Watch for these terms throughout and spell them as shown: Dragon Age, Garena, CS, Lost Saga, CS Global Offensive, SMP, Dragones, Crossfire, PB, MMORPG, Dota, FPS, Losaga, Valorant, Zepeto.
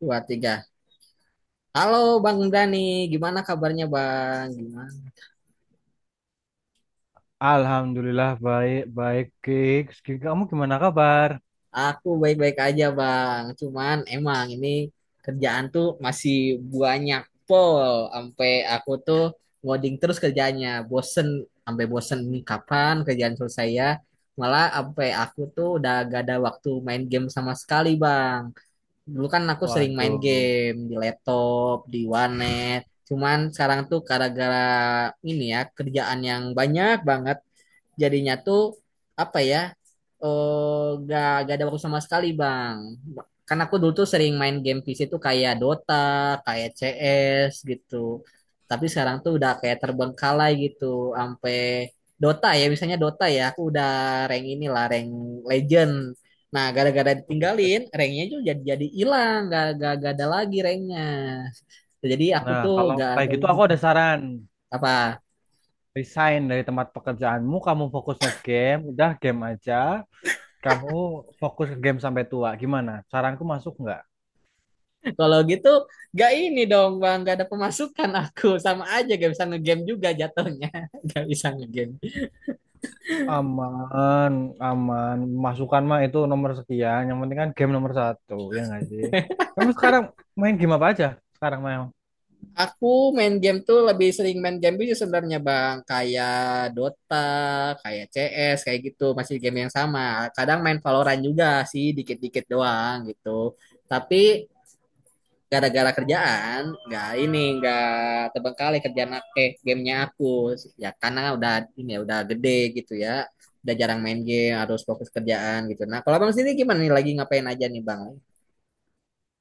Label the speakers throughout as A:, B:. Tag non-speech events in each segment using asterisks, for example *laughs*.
A: Dua, tiga. Halo Bang Dani, gimana kabarnya, Bang? Gimana?
B: Alhamdulillah baik baik, Gigs. Kamu gimana kabar?
A: Aku baik-baik aja, Bang, cuman emang ini kerjaan tuh masih banyak pol, sampai aku tuh ngoding terus kerjanya, bosen, sampai bosen ini kapan kerjaan selesai, ya? Malah sampai aku tuh udah gak ada waktu main game sama sekali, Bang. Dulu kan aku sering main
B: Waduh.
A: game di laptop, di warnet, cuman sekarang tuh gara-gara ini ya kerjaan yang banyak banget jadinya tuh apa ya, gak ada waktu sama sekali, bang, karena aku dulu tuh sering main game PC tuh kayak Dota, kayak CS gitu, tapi sekarang tuh udah kayak terbengkalai gitu sampai Dota, ya misalnya Dota ya aku udah rank inilah, rank legend. Nah, gara-gara
B: Buset.
A: ditinggalin ranknya juga jadi hilang, gak ada lagi ranknya. Jadi aku
B: Nah,
A: tuh
B: kalau
A: gak
B: kayak
A: ada
B: gitu aku
A: gitu.
B: ada saran.
A: Apa?
B: Resign dari tempat pekerjaanmu, kamu fokus ke game, udah game aja. Kamu fokus ke game sampai tua. Gimana? Saranku masuk nggak?
A: Kalau gitu gak ini dong, bang, gak ada pemasukan aku. Sama aja gak bisa ngegame juga jatuhnya. *laughs* Gak bisa ngegame.
B: Aman, aman. Masukan mah itu nomor sekian. Yang penting kan game nomor satu, ya nggak sih? Kamu sekarang main game apa aja? Sekarang main.
A: Aku main game tuh lebih sering main game itu sebenarnya, bang. Kayak Dota, kayak CS, kayak gitu. Masih game yang sama. Kadang main Valorant juga sih, dikit-dikit doang gitu. Tapi gara-gara kerjaan nggak ini nggak terbengkalai, kerjaan game, gamenya aku, ya karena udah ini ya udah gede gitu ya, udah jarang main game, harus fokus kerjaan gitu. Nah, kalau bang sini gimana nih, lagi ngapain aja nih, bang?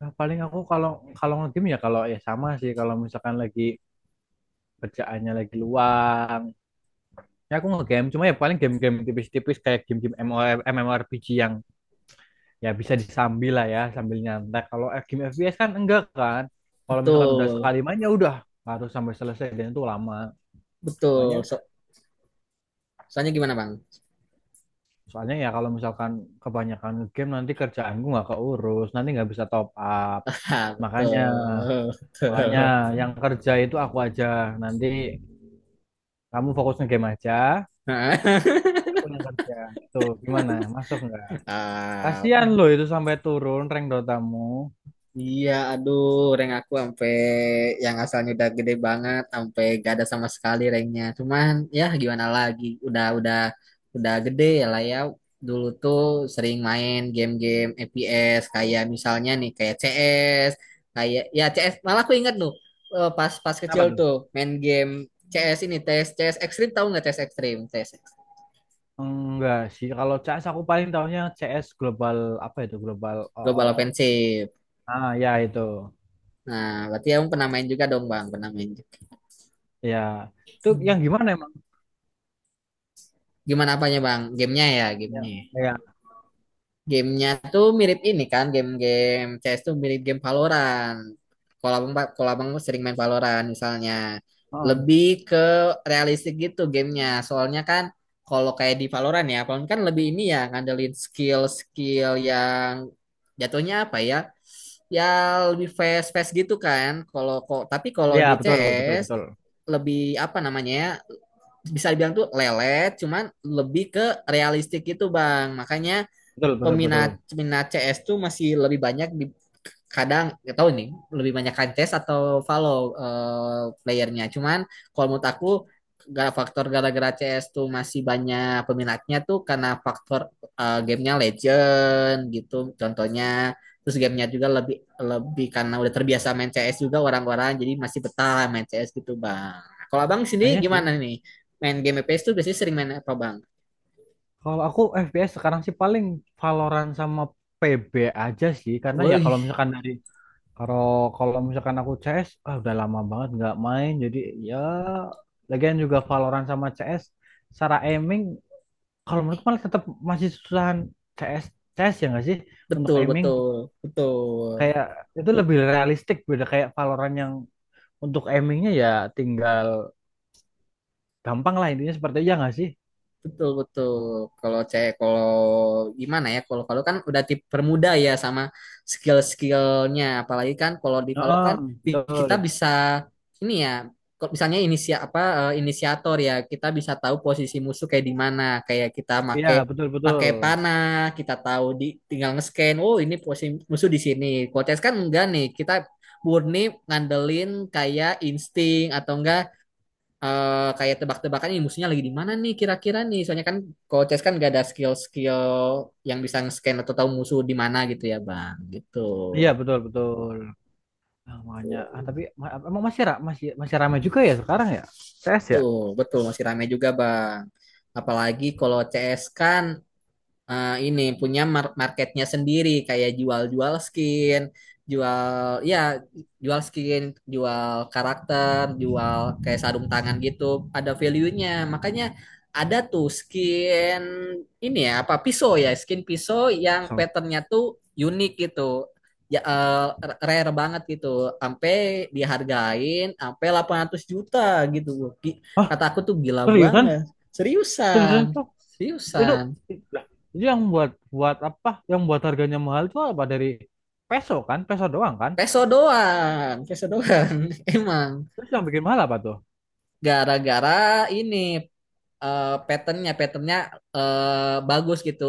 B: Nah, paling aku kalau kalau game, ya kalau ya sama sih, kalau misalkan lagi kerjaannya lagi luang ya aku nge-game. Cuma ya paling game-game tipis-tipis kayak game-game MMORPG yang ya bisa disambil lah, ya sambil nyantai. Kalau game FPS kan enggak kan, kalau misalkan udah
A: Betul,
B: sekali main ya udah harus sampai selesai dan itu lama. Makanya,
A: betul, so, soalnya gimana, bang?
B: soalnya ya kalau misalkan kebanyakan game nanti kerjaanku nggak keurus, nanti nggak bisa top up.
A: *laughs* Ah,
B: Makanya,
A: betul,
B: makanya
A: betul.
B: yang kerja itu aku aja, nanti kamu fokus nge-game aja,
A: *laughs*
B: aku yang kerja. Tuh gimana, masuk nggak?
A: Ah,
B: Kasihan loh itu, sampai turun rank Dotamu.
A: iya, aduh, rank aku sampai yang asalnya udah gede banget, sampai gak ada sama sekali ranknya. Cuman ya gimana lagi, udah gede ya lah ya. Dulu tuh sering main game-game FPS kayak misalnya nih kayak CS, kayak ya CS. Malah aku ingat tuh, eh, pas pas
B: Apa
A: kecil
B: tuh?
A: tuh main game CS, ini CS CS Extreme. Tahu nggak CS Extreme? CS
B: Enggak sih, kalau CS aku paling tahunya CS global. Apa itu global? Oh, oh,
A: Global
B: oh.
A: Offensive.
B: Ah ya itu.
A: Nah, berarti kamu pernah main juga dong, Bang. Pernah main juga.
B: Ya. Itu yang gimana emang?
A: Gimana apanya, Bang? Gamenya ya,
B: Ya.
A: gamenya. Ya.
B: Ya.
A: Gamenya tuh mirip ini kan, game-game CS tuh mirip game Valorant. Kalau abang sering main Valorant misalnya,
B: Oh.
A: lebih ke realistik gitu gamenya. Soalnya kan kalau kayak di Valorant, ya, Valorant kan lebih ini ya ngandelin skill-skill yang jatuhnya apa ya? Ya, lebih fast-fast gitu kan. Kalau kok tapi kalau di
B: Ya, betul betul
A: CS
B: betul.
A: lebih apa namanya ya, bisa dibilang tuh lelet cuman lebih ke realistik gitu, bang. Makanya
B: Betul betul betul.
A: peminat peminat CS tuh masih lebih banyak di kadang nggak tahu nih lebih banyak kan CS atau follow, playernya. Cuman kalau menurut aku faktor gara-gara CS tuh masih banyak peminatnya tuh karena faktor, gamenya legend gitu contohnya, terus gamenya juga lebih lebih karena udah terbiasa main CS juga orang-orang jadi masih betah main CS gitu, bang. Kalau abang
B: Ah,
A: sendiri
B: iya sih.
A: gimana nih, main game FPS tuh biasanya sering main apa, bang?
B: Kalau aku FPS sekarang sih paling Valorant sama PB aja sih, karena ya kalau
A: Wih,
B: misalkan dari, Kalau kalau misalkan aku CS, ah udah lama banget nggak main. Jadi ya, lagian juga Valorant sama CS, secara aiming, kalau menurutku malah tetap masih susahan CS. CS ya nggak sih? Untuk
A: betul,
B: aiming
A: betul, betul.
B: kayak itu lebih realistik, beda kayak Valorant yang untuk aimingnya ya tinggal gampang lah, intinya seperti itu, ya nggak sih?
A: Betul, betul. Kalau cewek, kalau gimana ya? Kalau kalau kan udah tip permuda ya, sama skill-skillnya. Apalagi kan kalau di Valo
B: Heeh,
A: kan kita
B: betul.
A: bisa ini ya. Kalau misalnya inisiator ya, kita bisa tahu posisi musuh kayak di mana. Kayak kita,
B: Iya betul betul.
A: pakai panah, kita tahu di, tinggal nge-scan. Oh, ini posisi musuh di sini. Kalau CS kan enggak nih. Kita murni ngandelin kayak insting atau enggak, kayak tebak-tebakan, ini musuhnya lagi di mana nih kira-kira nih. Soalnya kan kalau chess kan gak ada skill-skill yang bisa nge-scan atau tahu musuh di mana gitu ya, Bang. Gitu.
B: Iya betul betul. Nah, makanya, tapi emang masih ra- masih masih ramai juga ya sekarang ya? CS ya?
A: Tuh, betul masih ramai juga, Bang. Apalagi kalau CS kan, ini punya marketnya sendiri kayak jual-jual skin, jual ya jual skin, jual karakter, jual kayak sarung tangan gitu, ada value-nya. Makanya ada tuh skin ini ya apa pisau ya, skin pisau yang
B: So.
A: patternnya tuh unik gitu. Ya, rare banget gitu, sampai dihargain sampai 800 juta gitu. Kata aku tuh gila
B: Seriusan?
A: banget.
B: Seriusan,
A: Seriusan,
B: itu
A: seriusan.
B: lah. Itu yang buat buat apa? Yang buat harganya mahal itu apa, dari peso kan? Peso doang kan?
A: Peso doang, peso doang. *laughs* Emang
B: Terus yang bikin mahal apa tuh?
A: gara-gara ini patternnya, bagus gitu.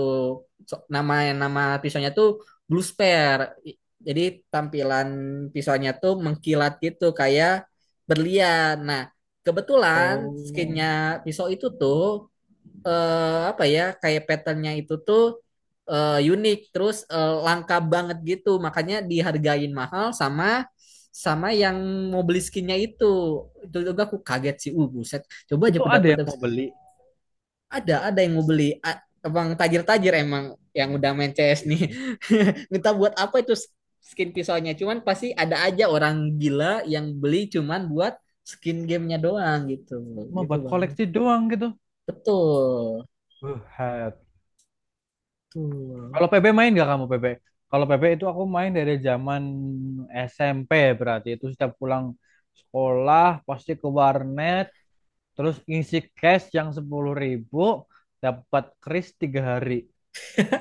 A: Nama nama pisaunya tuh blue spare. I- Jadi tampilan pisaunya tuh mengkilat gitu kayak berlian. Nah, kebetulan
B: Oh,
A: skinnya pisau itu tuh, apa ya, kayak patternnya itu tuh, unik, terus langka banget gitu, makanya dihargain mahal sama sama yang mau beli skinnya itu. Itu juga aku kaget sih, buset. Coba aja
B: itu
A: aku
B: ada
A: dapet
B: yang
A: dapet.
B: mau beli,
A: Ada yang mau beli, abang tajir-tajir emang yang udah main CS nih. *laughs* Minta buat apa itu skin pisaunya cuman pasti ada aja orang gila yang beli cuman buat skin gamenya doang gitu
B: mau
A: gitu
B: buat
A: bang.
B: koleksi doang gitu.
A: Betul,
B: Buset.
A: betul.
B: Kalau PB main nggak kamu, PB? Kalau PB itu aku main dari zaman SMP. Berarti itu setiap pulang sekolah pasti ke warnet, terus ngisi cash yang 10.000 dapat kris 3 hari.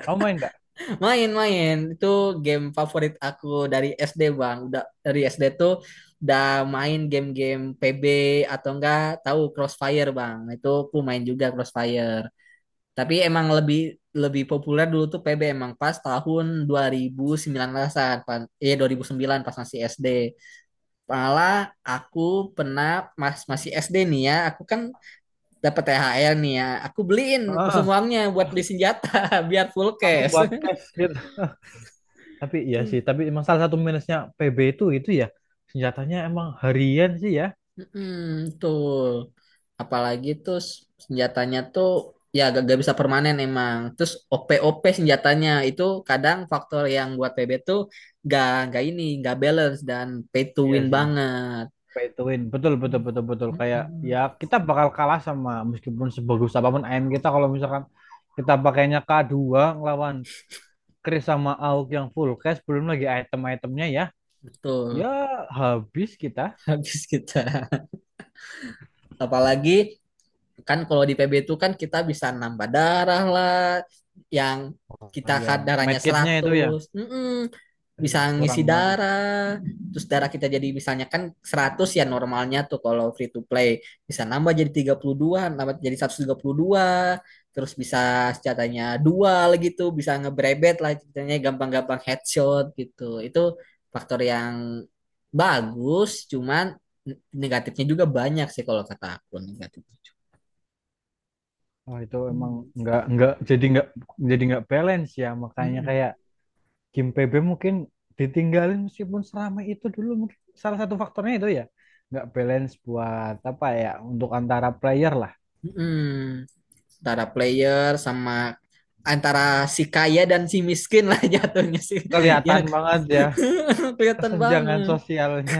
B: Kamu main nggak?
A: Main-main itu game favorit aku dari SD, Bang. Udah dari SD tuh udah main game-game PB atau enggak tahu Crossfire, Bang. Itu aku main juga Crossfire. Tapi emang lebih lebih populer dulu tuh PB emang pas tahun 2019-an, 2009 pas masih SD. Malah aku pernah masih SD nih ya, aku kan dapat THR nih ya. Aku beliin
B: Heeh,
A: semuanya buat beli senjata *laughs* biar full
B: langsung
A: cash.
B: buat cash gitu. *laughs* Tapi iya sih,
A: *laughs*
B: tapi emang salah satu minusnya PB itu, ya senjatanya emang harian sih ya.
A: Mm-mm, tuh. Apalagi tuh senjatanya tuh ya gak bisa permanen emang. Terus OP-OP senjatanya itu kadang faktor yang buat PB tuh gak, gak balance dan pay to
B: Iya
A: win
B: sih,
A: banget.
B: pay to win. Betul betul betul betul, kayak
A: Mm-mm.
B: ya kita bakal kalah sama, meskipun sebagus apapun AM kita, kalau misalkan kita pakainya K2, ngelawan Chris sama AUK yang full cash, belum lagi item-itemnya ya. Ya
A: Betul.
B: habis kita.
A: *laughs* Habis kita. Apalagi kan kalau di PB itu kan kita bisa nambah darah lah yang
B: Oh,
A: kita,
B: iya,
A: darahnya
B: medkitnya itu ya.
A: 100. Mm-mm.
B: Iya,
A: Bisa
B: kurang
A: ngisi
B: banget itu.
A: darah, terus darah kita jadi misalnya kan 100 ya normalnya tuh, kalau free to play bisa nambah jadi 32, nambah jadi 132, terus bisa senjatanya dual gitu bisa ngebrebet lah ceritanya, gampang-gampang headshot gitu. Itu faktor yang bagus, cuman negatifnya juga banyak sih, kalau kata aku negatifnya.
B: Oh, itu emang
A: Hmm.
B: nggak nggak jadi nggak nggak balance ya, makanya
A: Mm-mm.
B: kayak Kim PB mungkin ditinggalin. Meskipun seramai itu dulu, mungkin salah satu faktornya itu ya nggak balance, buat apa ya, untuk antara player lah.
A: Mm-mm. Antara player sama antara si kaya dan si miskin lah jatuhnya sih. *laughs*
B: Kelihatan
A: Ya,
B: banget ya
A: *laughs* kelihatan
B: kesenjangan
A: banget.
B: sosialnya.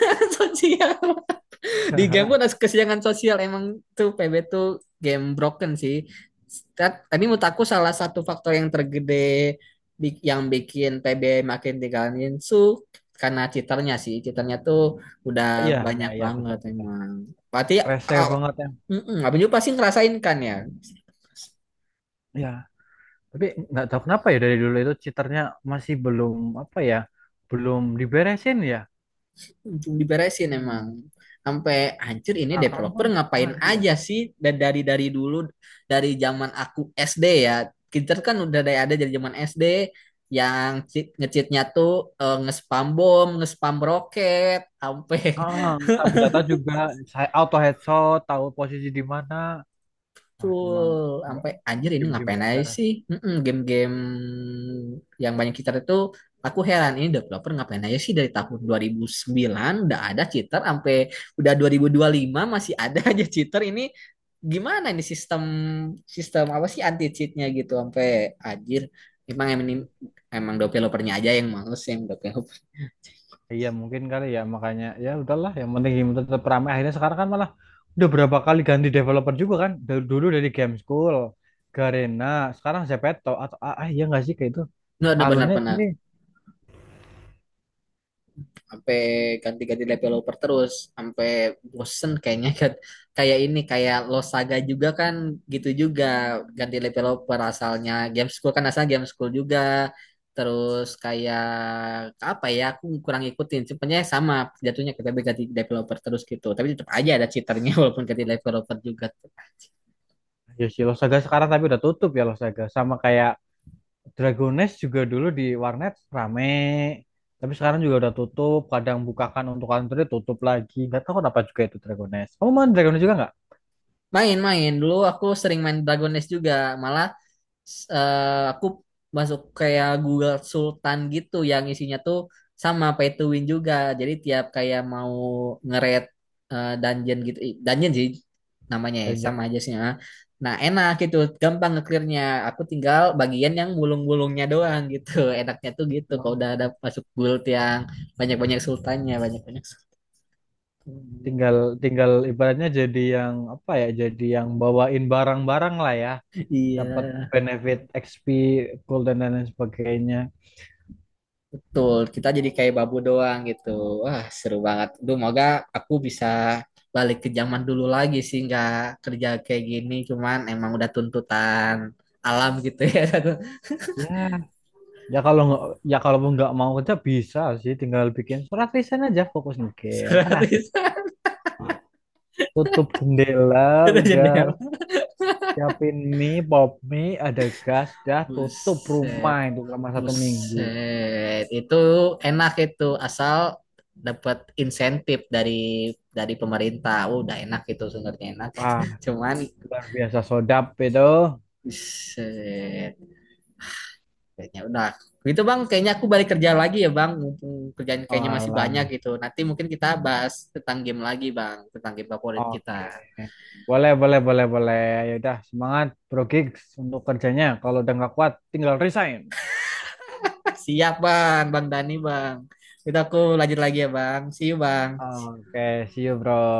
A: *laughs* Sosial. *laughs* Di game pun ada
B: *laughs*
A: kesenjangan sosial, emang tuh PB tuh game broken sih. Tapi menurut aku salah satu faktor yang tergede, yang bikin PB makin tinggalin, karena cheaternya sih, cheaternya tuh udah
B: iya iya
A: banyak
B: iya, betul
A: banget
B: betul,
A: emang berarti,
B: rese banget ya.
A: mm-mm. Abang juga pasti ngerasain kan, ya?
B: Iya, tapi nggak tahu kenapa ya dari dulu itu cheaternya masih belum, apa ya, belum diberesin ya.
A: Belum diberesin emang,
B: Hmm.
A: sampai hancur. Ini
B: Sekarang
A: developer
B: pun
A: ngapain
B: masih ya.
A: aja sih, dan dari dulu, dari zaman aku SD, ya. Kita kan udah dari, ada dari zaman SD yang nge-cheatnya tuh, nge-spam bom, nge-spam roket sampai.
B: Ah, sama senjata juga, saya auto headshot tahu posisi di mana. Wah, itu emang,
A: Betul, sampai anjir ini
B: game-game
A: ngapain
B: gak
A: aja
B: beres.
A: sih? Mm-mm. Game-game yang banyak cheater itu aku heran ini developer ngapain aja sih dari tahun 2009 udah ada cheater sampai udah 2025 masih ada *laughs* aja cheater ini. Gimana ini sistem sistem apa sih anti cheatnya gitu sampai anjir, emang emang emang developernya aja yang males yang developer.
B: Iya mungkin kali ya, makanya ya udahlah, yang penting game tetap ramai. Akhirnya sekarang kan malah udah berapa kali ganti developer juga kan. Dari dulu, dari Game School, Garena, sekarang Zepeto atau iya nggak sih kayak itu.
A: Nggak
B: Alurnya
A: benar-benar
B: ini,
A: sampai ganti-ganti developer terus sampai bosen kayaknya kayak ini kayak Lost Saga juga kan gitu juga ganti developer, asalnya game school kan asalnya game school juga, terus kayak apa ya, aku kurang ikutin sebenarnya. Sama jatuhnya kita ganti developer terus gitu tapi tetap aja ada cheaternya, *laughs* walaupun ganti developer juga tetap aja.
B: ya sih Losaga sekarang tapi udah tutup ya Losaga. Sama kayak Dragones juga dulu di warnet rame. Tapi sekarang juga udah tutup. Kadang bukakan untuk Android tutup lagi, nggak tahu kenapa juga itu Dragones. Kamu main Dragones juga nggak?
A: Main-main dulu aku sering main Dragon Age juga, malah aku masuk kayak Google Sultan gitu yang isinya tuh sama pay to win juga. Jadi tiap kayak mau nge-raid, dungeon gitu, ih, dungeon sih namanya ya, sama aja sih. Ah. Nah, enak gitu, gampang nge-clearnya. Aku tinggal bagian yang bulung-bulungnya doang gitu. *laughs* Enaknya tuh gitu, kalau udah
B: Dan
A: ada masuk guild yang banyak-banyak sultannya, banyak-banyak sultan.
B: tinggal tinggal ibaratnya jadi yang apa ya, jadi yang bawain barang-barang lah ya,
A: *laughs* Iya.
B: dapat benefit XP, gold dan lain sebagainya.
A: Betul, kita jadi kayak babu doang gitu. Wah, seru banget. Duh, moga aku bisa balik ke zaman dulu lagi sih, nggak kerja kayak gini. Cuman emang udah tuntutan alam gitu ya. *laughs*
B: Ya ya kalau nggak, ya kalau mau nggak mau kerja, bisa sih, tinggal bikin surat lisan aja, fokus di game kan
A: Satu, satu,
B: asik.
A: bisa
B: Tutup jendela,
A: satu *laughs*
B: udah
A: jendela.
B: siapin mie, pop mie, ada gas, dah tutup
A: Buset,
B: rumah itu selama 1 minggu.
A: buset. Itu enak itu, asal dapat insentif dari pemerintah. Oh, udah enak itu, sebenarnya enak.
B: Wah
A: *laughs* Cuman,
B: luar biasa sodap itu.
A: buset. Kayaknya udah. Gitu, Bang, kayaknya aku balik kerja lagi ya, Bang. Mumpung kerjaan kayaknya masih
B: Alah.
A: banyak gitu. Nanti mungkin kita bahas tentang game lagi, Bang, tentang game favorit
B: Oke.
A: kita.
B: Boleh, boleh, boleh, boleh. Ya udah, semangat Bro Gigs untuk kerjanya. Kalau udah nggak kuat, tinggal resign.
A: *laughs* Siap, Bang, Bang Dani, Bang. Kita aku lanjut lagi ya, Bang. See you, Bang.
B: Oke, see you, Bro.